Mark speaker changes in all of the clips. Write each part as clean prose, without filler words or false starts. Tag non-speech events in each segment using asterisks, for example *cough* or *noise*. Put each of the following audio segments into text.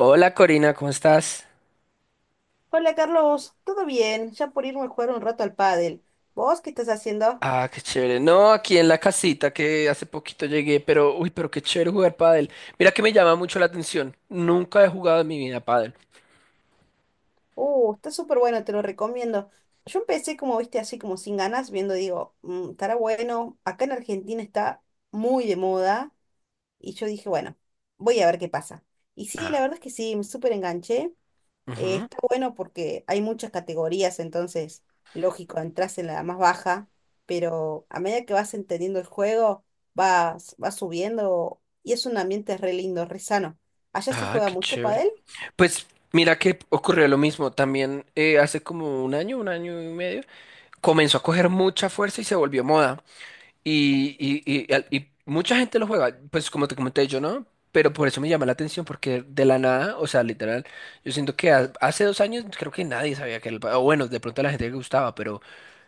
Speaker 1: Hola Corina, ¿cómo estás?
Speaker 2: Hola Carlos, ¿todo bien? Ya por irme a jugar un rato al pádel. ¿Vos qué estás haciendo?
Speaker 1: Ah, qué chévere. No, aquí en la casita que hace poquito llegué, pero uy, pero qué chévere jugar pádel. Mira que me llama mucho la atención. Nunca he jugado en mi vida pádel.
Speaker 2: Está súper bueno, te lo recomiendo. Yo empecé como viste, así como sin ganas, viendo, digo, "Mm, estará bueno. Acá en Argentina está muy de moda y yo dije, bueno, voy a ver qué pasa. Y sí,
Speaker 1: Ah,
Speaker 2: la verdad es que sí, me súper enganché".
Speaker 1: ujú.
Speaker 2: Está bueno porque hay muchas categorías, entonces, lógico, entras en la más baja, pero a medida que vas entendiendo el juego, vas subiendo y es un ambiente re lindo, re sano. ¿Allá se
Speaker 1: Ah,
Speaker 2: juega
Speaker 1: qué
Speaker 2: mucho
Speaker 1: chévere.
Speaker 2: pádel?
Speaker 1: Pues mira que ocurrió lo mismo. También hace como 1 año, 1 año y medio, comenzó a coger mucha fuerza y se volvió moda. Y, y, y mucha gente lo juega, pues como te comenté yo, ¿no? Pero por eso me llama la atención, porque de la nada, o sea, literal, yo siento que hace 2 años creo que nadie sabía que era el... O bueno, de pronto a la gente le gustaba,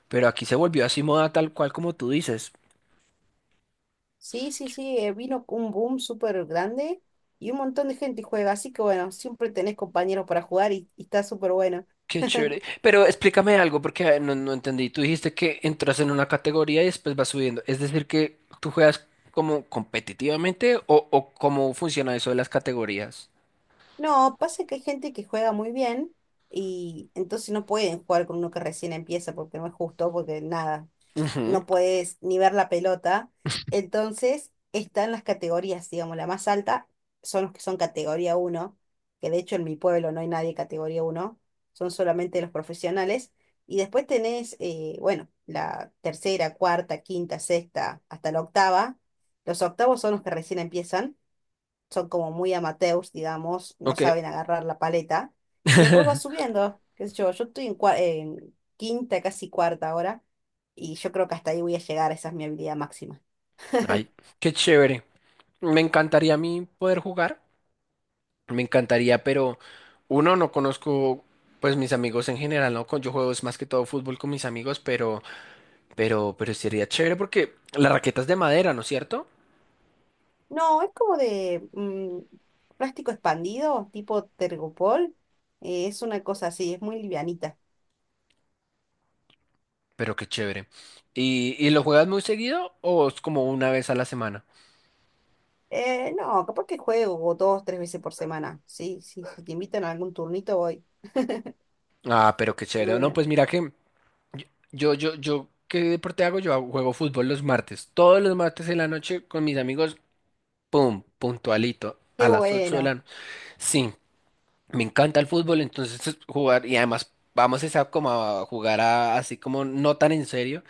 Speaker 1: pero aquí se volvió así moda tal cual como tú dices.
Speaker 2: Sí, sí, sí, vino un boom súper grande y un montón de gente juega, así que bueno, siempre tenés compañeros para jugar y está súper bueno.
Speaker 1: Qué chévere.
Speaker 2: *laughs*
Speaker 1: Pero explícame algo, porque no entendí. Tú dijiste que entras en una categoría y después vas subiendo. Es decir, que tú juegas como competitivamente o cómo funciona eso de las categorías.
Speaker 2: No, pasa que hay gente que juega muy bien y entonces no pueden jugar con uno que recién empieza porque no es justo, porque nada.
Speaker 1: Ujú.
Speaker 2: No puedes ni ver la pelota. Entonces están las categorías, digamos, la más alta son los que son categoría uno, que de hecho en mi pueblo no hay nadie categoría uno. Son solamente los profesionales. Y después tenés, bueno, la tercera, cuarta, quinta, sexta, hasta la octava. Los octavos son los que recién empiezan, son como muy amateurs, digamos, no
Speaker 1: Ok.
Speaker 2: saben agarrar la paleta. Y después va
Speaker 1: *laughs*
Speaker 2: subiendo, qué sé yo, yo estoy en, en quinta, casi cuarta ahora, y yo creo que hasta ahí voy a llegar, esa es mi habilidad máxima.
Speaker 1: Ay, qué chévere. Me encantaría a mí poder jugar, me encantaría, pero uno, no conozco pues mis amigos en general, ¿no? Yo juego es más que todo fútbol con mis amigos, pero, pero sería chévere porque la raqueta es de madera, ¿no es cierto?
Speaker 2: No, es como de plástico expandido, tipo Tergopol, es una cosa así, es muy livianita.
Speaker 1: Pero qué chévere. Y lo juegas muy seguido o es como una vez a la semana?
Speaker 2: No, capaz que juego dos, tres veces por semana, sí, sí, si te invitan a algún turnito voy. *laughs*
Speaker 1: Ah, pero qué
Speaker 2: De
Speaker 1: chévere. No,
Speaker 2: una.
Speaker 1: pues mira que yo, ¿qué deporte hago? Juego fútbol los martes, todos los martes en la noche con mis amigos, pum, puntualito, a
Speaker 2: Qué
Speaker 1: las 8 de la
Speaker 2: bueno.
Speaker 1: noche. Sí, me encanta el fútbol, entonces jugar y además vamos esa como a así como no tan en serio,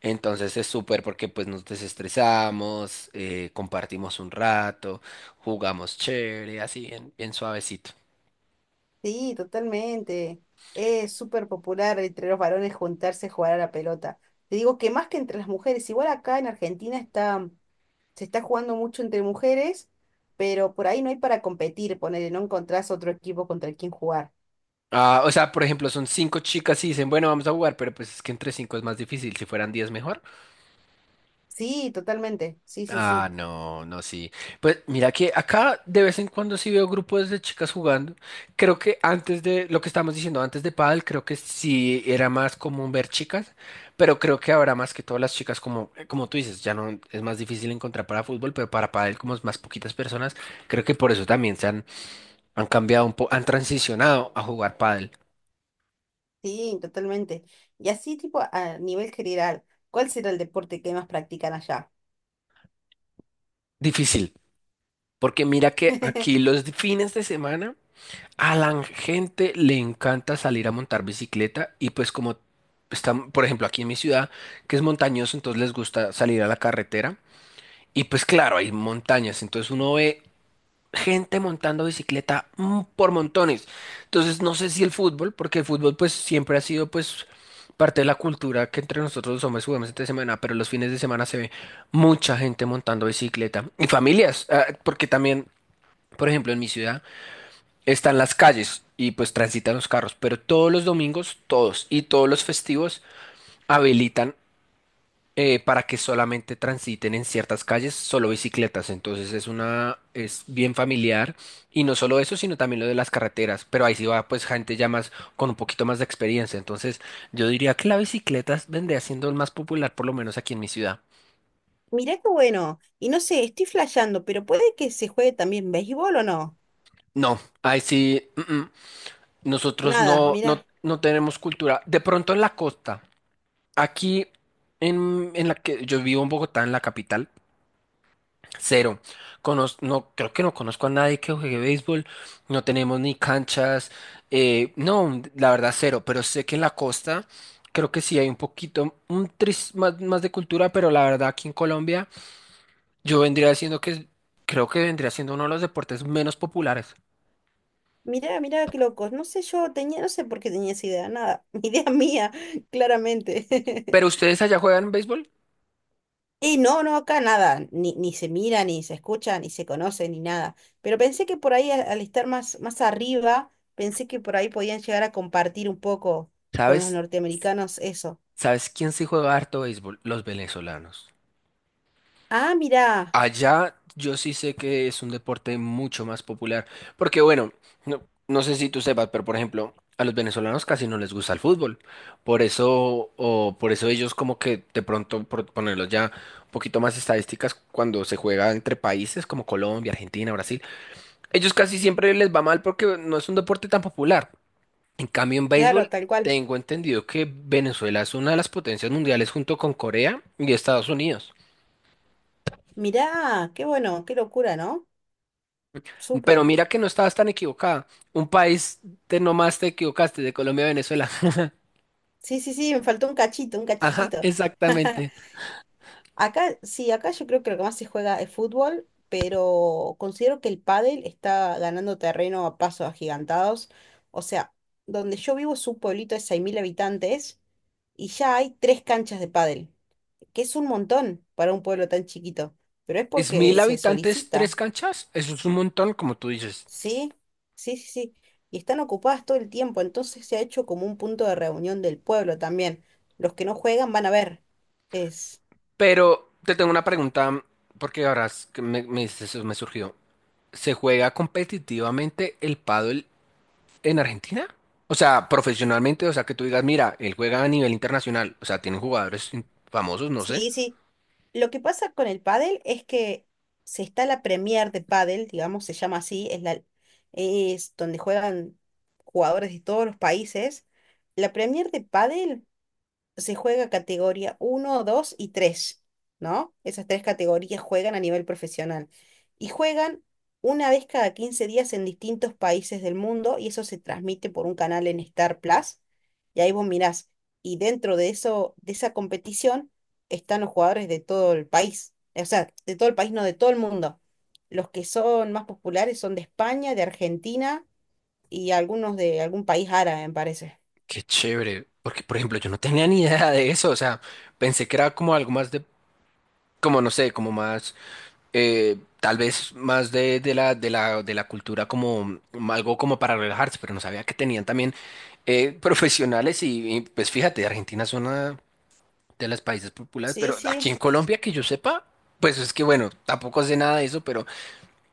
Speaker 1: entonces es súper porque pues nos desestresamos, compartimos un rato, jugamos chévere, así bien, bien suavecito.
Speaker 2: Sí, totalmente. Es súper popular entre los varones juntarse a jugar a la pelota. Te digo que más que entre las mujeres, igual acá en Argentina está, se está jugando mucho entre mujeres, pero por ahí no hay para competir, ponele, no encontrás otro equipo contra el quien jugar.
Speaker 1: Ah, o sea, por ejemplo, son 5 chicas y dicen, bueno, vamos a jugar, pero pues es que entre 5 es más difícil, si fueran 10 mejor.
Speaker 2: Sí, totalmente. Sí, sí, sí.
Speaker 1: Ah, no, no, sí. Pues mira que acá de vez en cuando sí veo grupos de chicas jugando. Creo que antes de lo que estábamos diciendo antes de pádel, creo que sí era más común ver chicas, pero creo que ahora más que todas las chicas como tú dices, ya no es más difícil encontrar para fútbol, pero para pádel como es más poquitas personas, creo que por eso también se han han cambiado un poco, han transicionado a jugar pádel.
Speaker 2: Sí, totalmente. Y así, tipo, a nivel general, ¿cuál será el deporte que más practican allá?
Speaker 1: Difícil, porque mira que aquí
Speaker 2: *laughs*
Speaker 1: los fines de semana a la gente le encanta salir a montar bicicleta y pues como están, por ejemplo, aquí en mi ciudad, que es montañoso, entonces les gusta salir a la carretera y pues claro, hay montañas, entonces uno ve gente montando bicicleta por montones. Entonces no sé si el fútbol, porque el fútbol pues siempre ha sido pues parte de la cultura que entre nosotros los hombres jugamos entre semana, pero los fines de semana se ve mucha gente montando bicicleta y familias, ah, porque también, por ejemplo, en mi ciudad están las calles y pues transitan los carros, pero todos los domingos, todos y todos los festivos habilitan para que solamente transiten en ciertas calles solo bicicletas. Entonces es bien familiar y no solo eso, sino también lo de las carreteras. Pero ahí sí va pues gente ya más con un poquito más de experiencia. Entonces yo diría que la bicicleta vendría siendo el más popular, por lo menos aquí en mi ciudad.
Speaker 2: Mirá qué bueno. Y no sé, estoy flasheando, pero puede que se juegue también béisbol o no.
Speaker 1: No, ahí sí. Mm. Nosotros
Speaker 2: Nada,
Speaker 1: no,
Speaker 2: mirá.
Speaker 1: no tenemos cultura. De pronto en la costa. Aquí en la que yo vivo en Bogotá, en la capital, cero. No, creo que no conozco a nadie que juegue béisbol. No tenemos ni canchas. No, la verdad, cero. Pero sé que en la costa creo que sí hay un poquito, un tris más, más de cultura, pero la verdad aquí en Colombia yo vendría diciendo que creo que vendría siendo uno de los deportes menos populares.
Speaker 2: Mirá, mirá, qué locos. No sé, yo tenía, no sé por qué tenía esa idea, nada. *laughs* Idea mía, claramente.
Speaker 1: Pero
Speaker 2: *laughs*
Speaker 1: ustedes allá juegan béisbol.
Speaker 2: Y no, no, acá nada, ni se mira, ni se escucha, ni se conoce, ni nada. Pero pensé que por ahí, al estar más arriba, pensé que por ahí podían llegar a compartir un poco con los
Speaker 1: ¿Sabes?
Speaker 2: norteamericanos eso.
Speaker 1: ¿Sabes quién sí juega harto béisbol? Los venezolanos.
Speaker 2: Ah, mirá,
Speaker 1: Allá yo sí sé que es un deporte mucho más popular, porque bueno, no, no sé si tú sepas, pero por ejemplo, a los venezolanos casi no les gusta el fútbol, por eso, o por eso ellos como que de pronto, por ponerlos ya un poquito más estadísticas, cuando se juega entre países como Colombia, Argentina, Brasil, ellos casi siempre les va mal porque no es un deporte tan popular. En cambio, en
Speaker 2: claro,
Speaker 1: béisbol,
Speaker 2: tal cual.
Speaker 1: tengo entendido que Venezuela es una de las potencias mundiales junto con Corea y Estados Unidos.
Speaker 2: Mirá, qué bueno, qué locura, ¿no? Súper.
Speaker 1: Pero mira que no estabas tan equivocada. Un país de nomás te equivocaste, de Colombia a Venezuela. *laughs*
Speaker 2: Sí, sí, sí, me faltó un cachito, un
Speaker 1: Ajá,
Speaker 2: cachitito.
Speaker 1: exactamente.
Speaker 2: *laughs* Acá, sí, acá yo creo que lo que más se juega es fútbol, pero considero que el pádel está ganando terreno a pasos agigantados. O sea, donde yo vivo es un pueblito de 6.000 habitantes y ya hay tres canchas de pádel, que es un montón para un pueblo tan chiquito, pero es
Speaker 1: Es
Speaker 2: porque
Speaker 1: mil
Speaker 2: se
Speaker 1: habitantes, tres
Speaker 2: solicita,
Speaker 1: canchas. Eso es un montón, como tú dices.
Speaker 2: ¿sí? Sí, sí, sí. Y están ocupadas todo el tiempo, entonces se ha hecho como un punto de reunión del pueblo también. Los que no juegan van a ver. Es...
Speaker 1: Pero te tengo una pregunta, porque ahora es que me dices eso, me surgió. ¿Se juega competitivamente el pádel en Argentina? O sea, profesionalmente, o sea, que tú digas, mira, él juega a nivel internacional. O sea, tienen famosos, no sé.
Speaker 2: Sí, sí. Lo que pasa con el pádel es que se está la Premier de pádel, digamos, se llama así, es la, es donde juegan jugadores de todos los países. La Premier de pádel se juega categoría uno, 2 y tres, ¿no? Esas tres categorías juegan a nivel profesional. Y juegan una vez cada 15 días en distintos países del mundo y eso se transmite por un canal en Star Plus. Y ahí vos mirás. Y dentro de eso, de esa competición, están los jugadores de todo el país. O sea, de todo el país, no de todo el mundo. Los que son más populares son de España, de Argentina y algunos de algún país árabe, me parece.
Speaker 1: Qué chévere, porque por ejemplo yo no tenía ni idea de eso, o sea, pensé que era como algo más de como no sé, como más, tal vez más de la cultura como algo como para relajarse, pero no sabía que tenían también profesionales y, pues fíjate, Argentina es una de las países populares,
Speaker 2: Sí,
Speaker 1: pero aquí
Speaker 2: sí.
Speaker 1: en Colombia que yo sepa, pues es que bueno, tampoco sé nada de eso, pero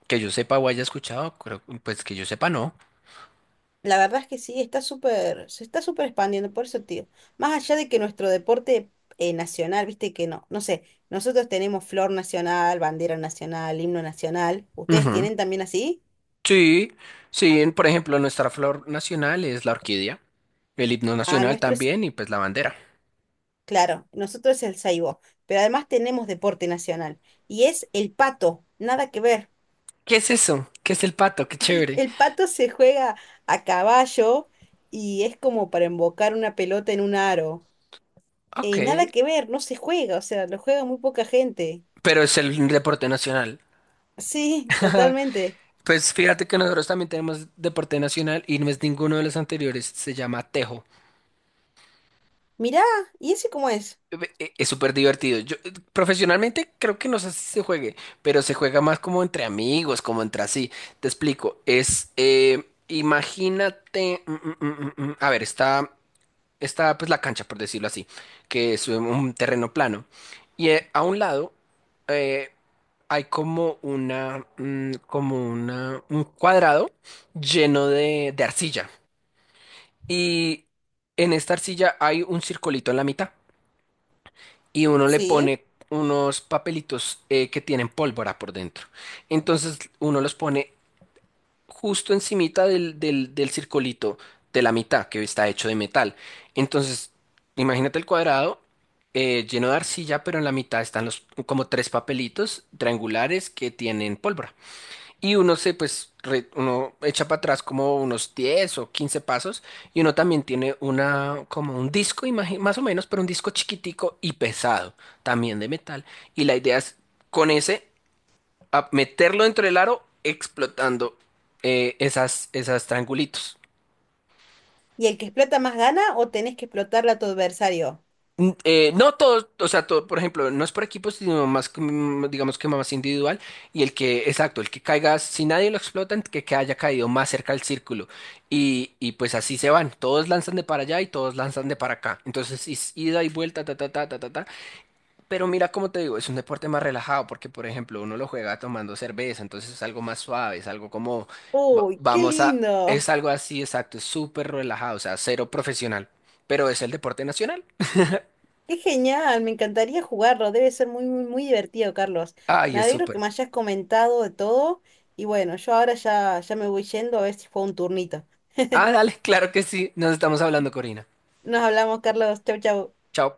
Speaker 1: que yo sepa o haya escuchado, pues que yo sepa no.
Speaker 2: La verdad es que sí, está súper, se está súper expandiendo, por eso, tío. Más allá de que nuestro deporte nacional, viste que no, no sé, nosotros tenemos flor nacional, bandera nacional, himno nacional. ¿Ustedes
Speaker 1: Ujú.
Speaker 2: tienen también así?
Speaker 1: Sí, sí, por ejemplo, nuestra flor nacional es la orquídea, el himno
Speaker 2: Ah,
Speaker 1: nacional
Speaker 2: nuestro es,
Speaker 1: también y pues la bandera.
Speaker 2: claro, nosotros es el saibo, pero además tenemos deporte nacional y es el pato, nada que ver.
Speaker 1: ¿Qué es eso? ¿Qué es el pato? Qué
Speaker 2: *laughs*
Speaker 1: chévere.
Speaker 2: El pato se juega a caballo y es como para embocar una pelota en un aro.
Speaker 1: Ok,
Speaker 2: Y nada que ver, no se juega, o sea, lo juega muy poca gente.
Speaker 1: pero es el deporte nacional.
Speaker 2: Sí,
Speaker 1: *laughs*
Speaker 2: totalmente.
Speaker 1: Pues fíjate que nosotros también tenemos deporte nacional y no es ninguno de los anteriores, se llama tejo.
Speaker 2: Mirá, ¿y ese cómo es?
Speaker 1: Es súper divertido. Yo profesionalmente creo que no sé si se juegue, pero se juega más como entre amigos, como entre así. Te explico, es, imagínate, a ver, está pues la cancha, por decirlo así, que es un terreno plano. Y a un lado eh, hay como una, un cuadrado lleno de arcilla. Y en esta arcilla hay un circulito en la mitad y uno le
Speaker 2: Sí.
Speaker 1: pone unos papelitos que tienen pólvora por dentro. Entonces uno los pone justo encimita del circulito de la mitad que está hecho de metal. Entonces, imagínate el cuadrado lleno de arcilla, pero en la mitad están los como 3 papelitos triangulares que tienen pólvora. Y uno se pues re- uno echa para atrás como unos 10 o 15 pasos y uno también tiene una como un disco, más o menos, pero un disco chiquitico y pesado, también de metal. Y la idea es con ese a meterlo dentro del aro explotando esas triangulitos.
Speaker 2: ¿Y el que explota más gana o tenés que explotarle a tu adversario?
Speaker 1: No todos, o sea, todo, por ejemplo, no es por equipos, sino más, digamos que más individual. Y exacto, el que caiga, si nadie lo explota, que haya caído más cerca al círculo. Y pues así se van. Todos lanzan de para allá y todos lanzan de para acá. Entonces, es ida y vuelta, ta, ta, ta, ta, ta, ta. Pero mira, como te digo, es un deporte más relajado porque, por ejemplo, uno lo juega tomando cerveza, entonces es algo más suave, es algo como, va-
Speaker 2: Uy, qué
Speaker 1: vamos a, es
Speaker 2: lindo.
Speaker 1: algo así, exacto, es súper relajado, o sea, cero profesional, pero es el deporte nacional.
Speaker 2: Qué genial, me encantaría jugarlo. Debe ser muy, muy, muy divertido, Carlos.
Speaker 1: Ay,
Speaker 2: Me
Speaker 1: es
Speaker 2: alegro que
Speaker 1: súper.
Speaker 2: me hayas comentado de todo. Y bueno, yo ahora ya, ya me voy yendo a ver si fue un turnito.
Speaker 1: Ah, dale, *laughs* claro que sí, nos estamos hablando, Corina.
Speaker 2: Nos hablamos, Carlos. Chau, chau.
Speaker 1: Chao.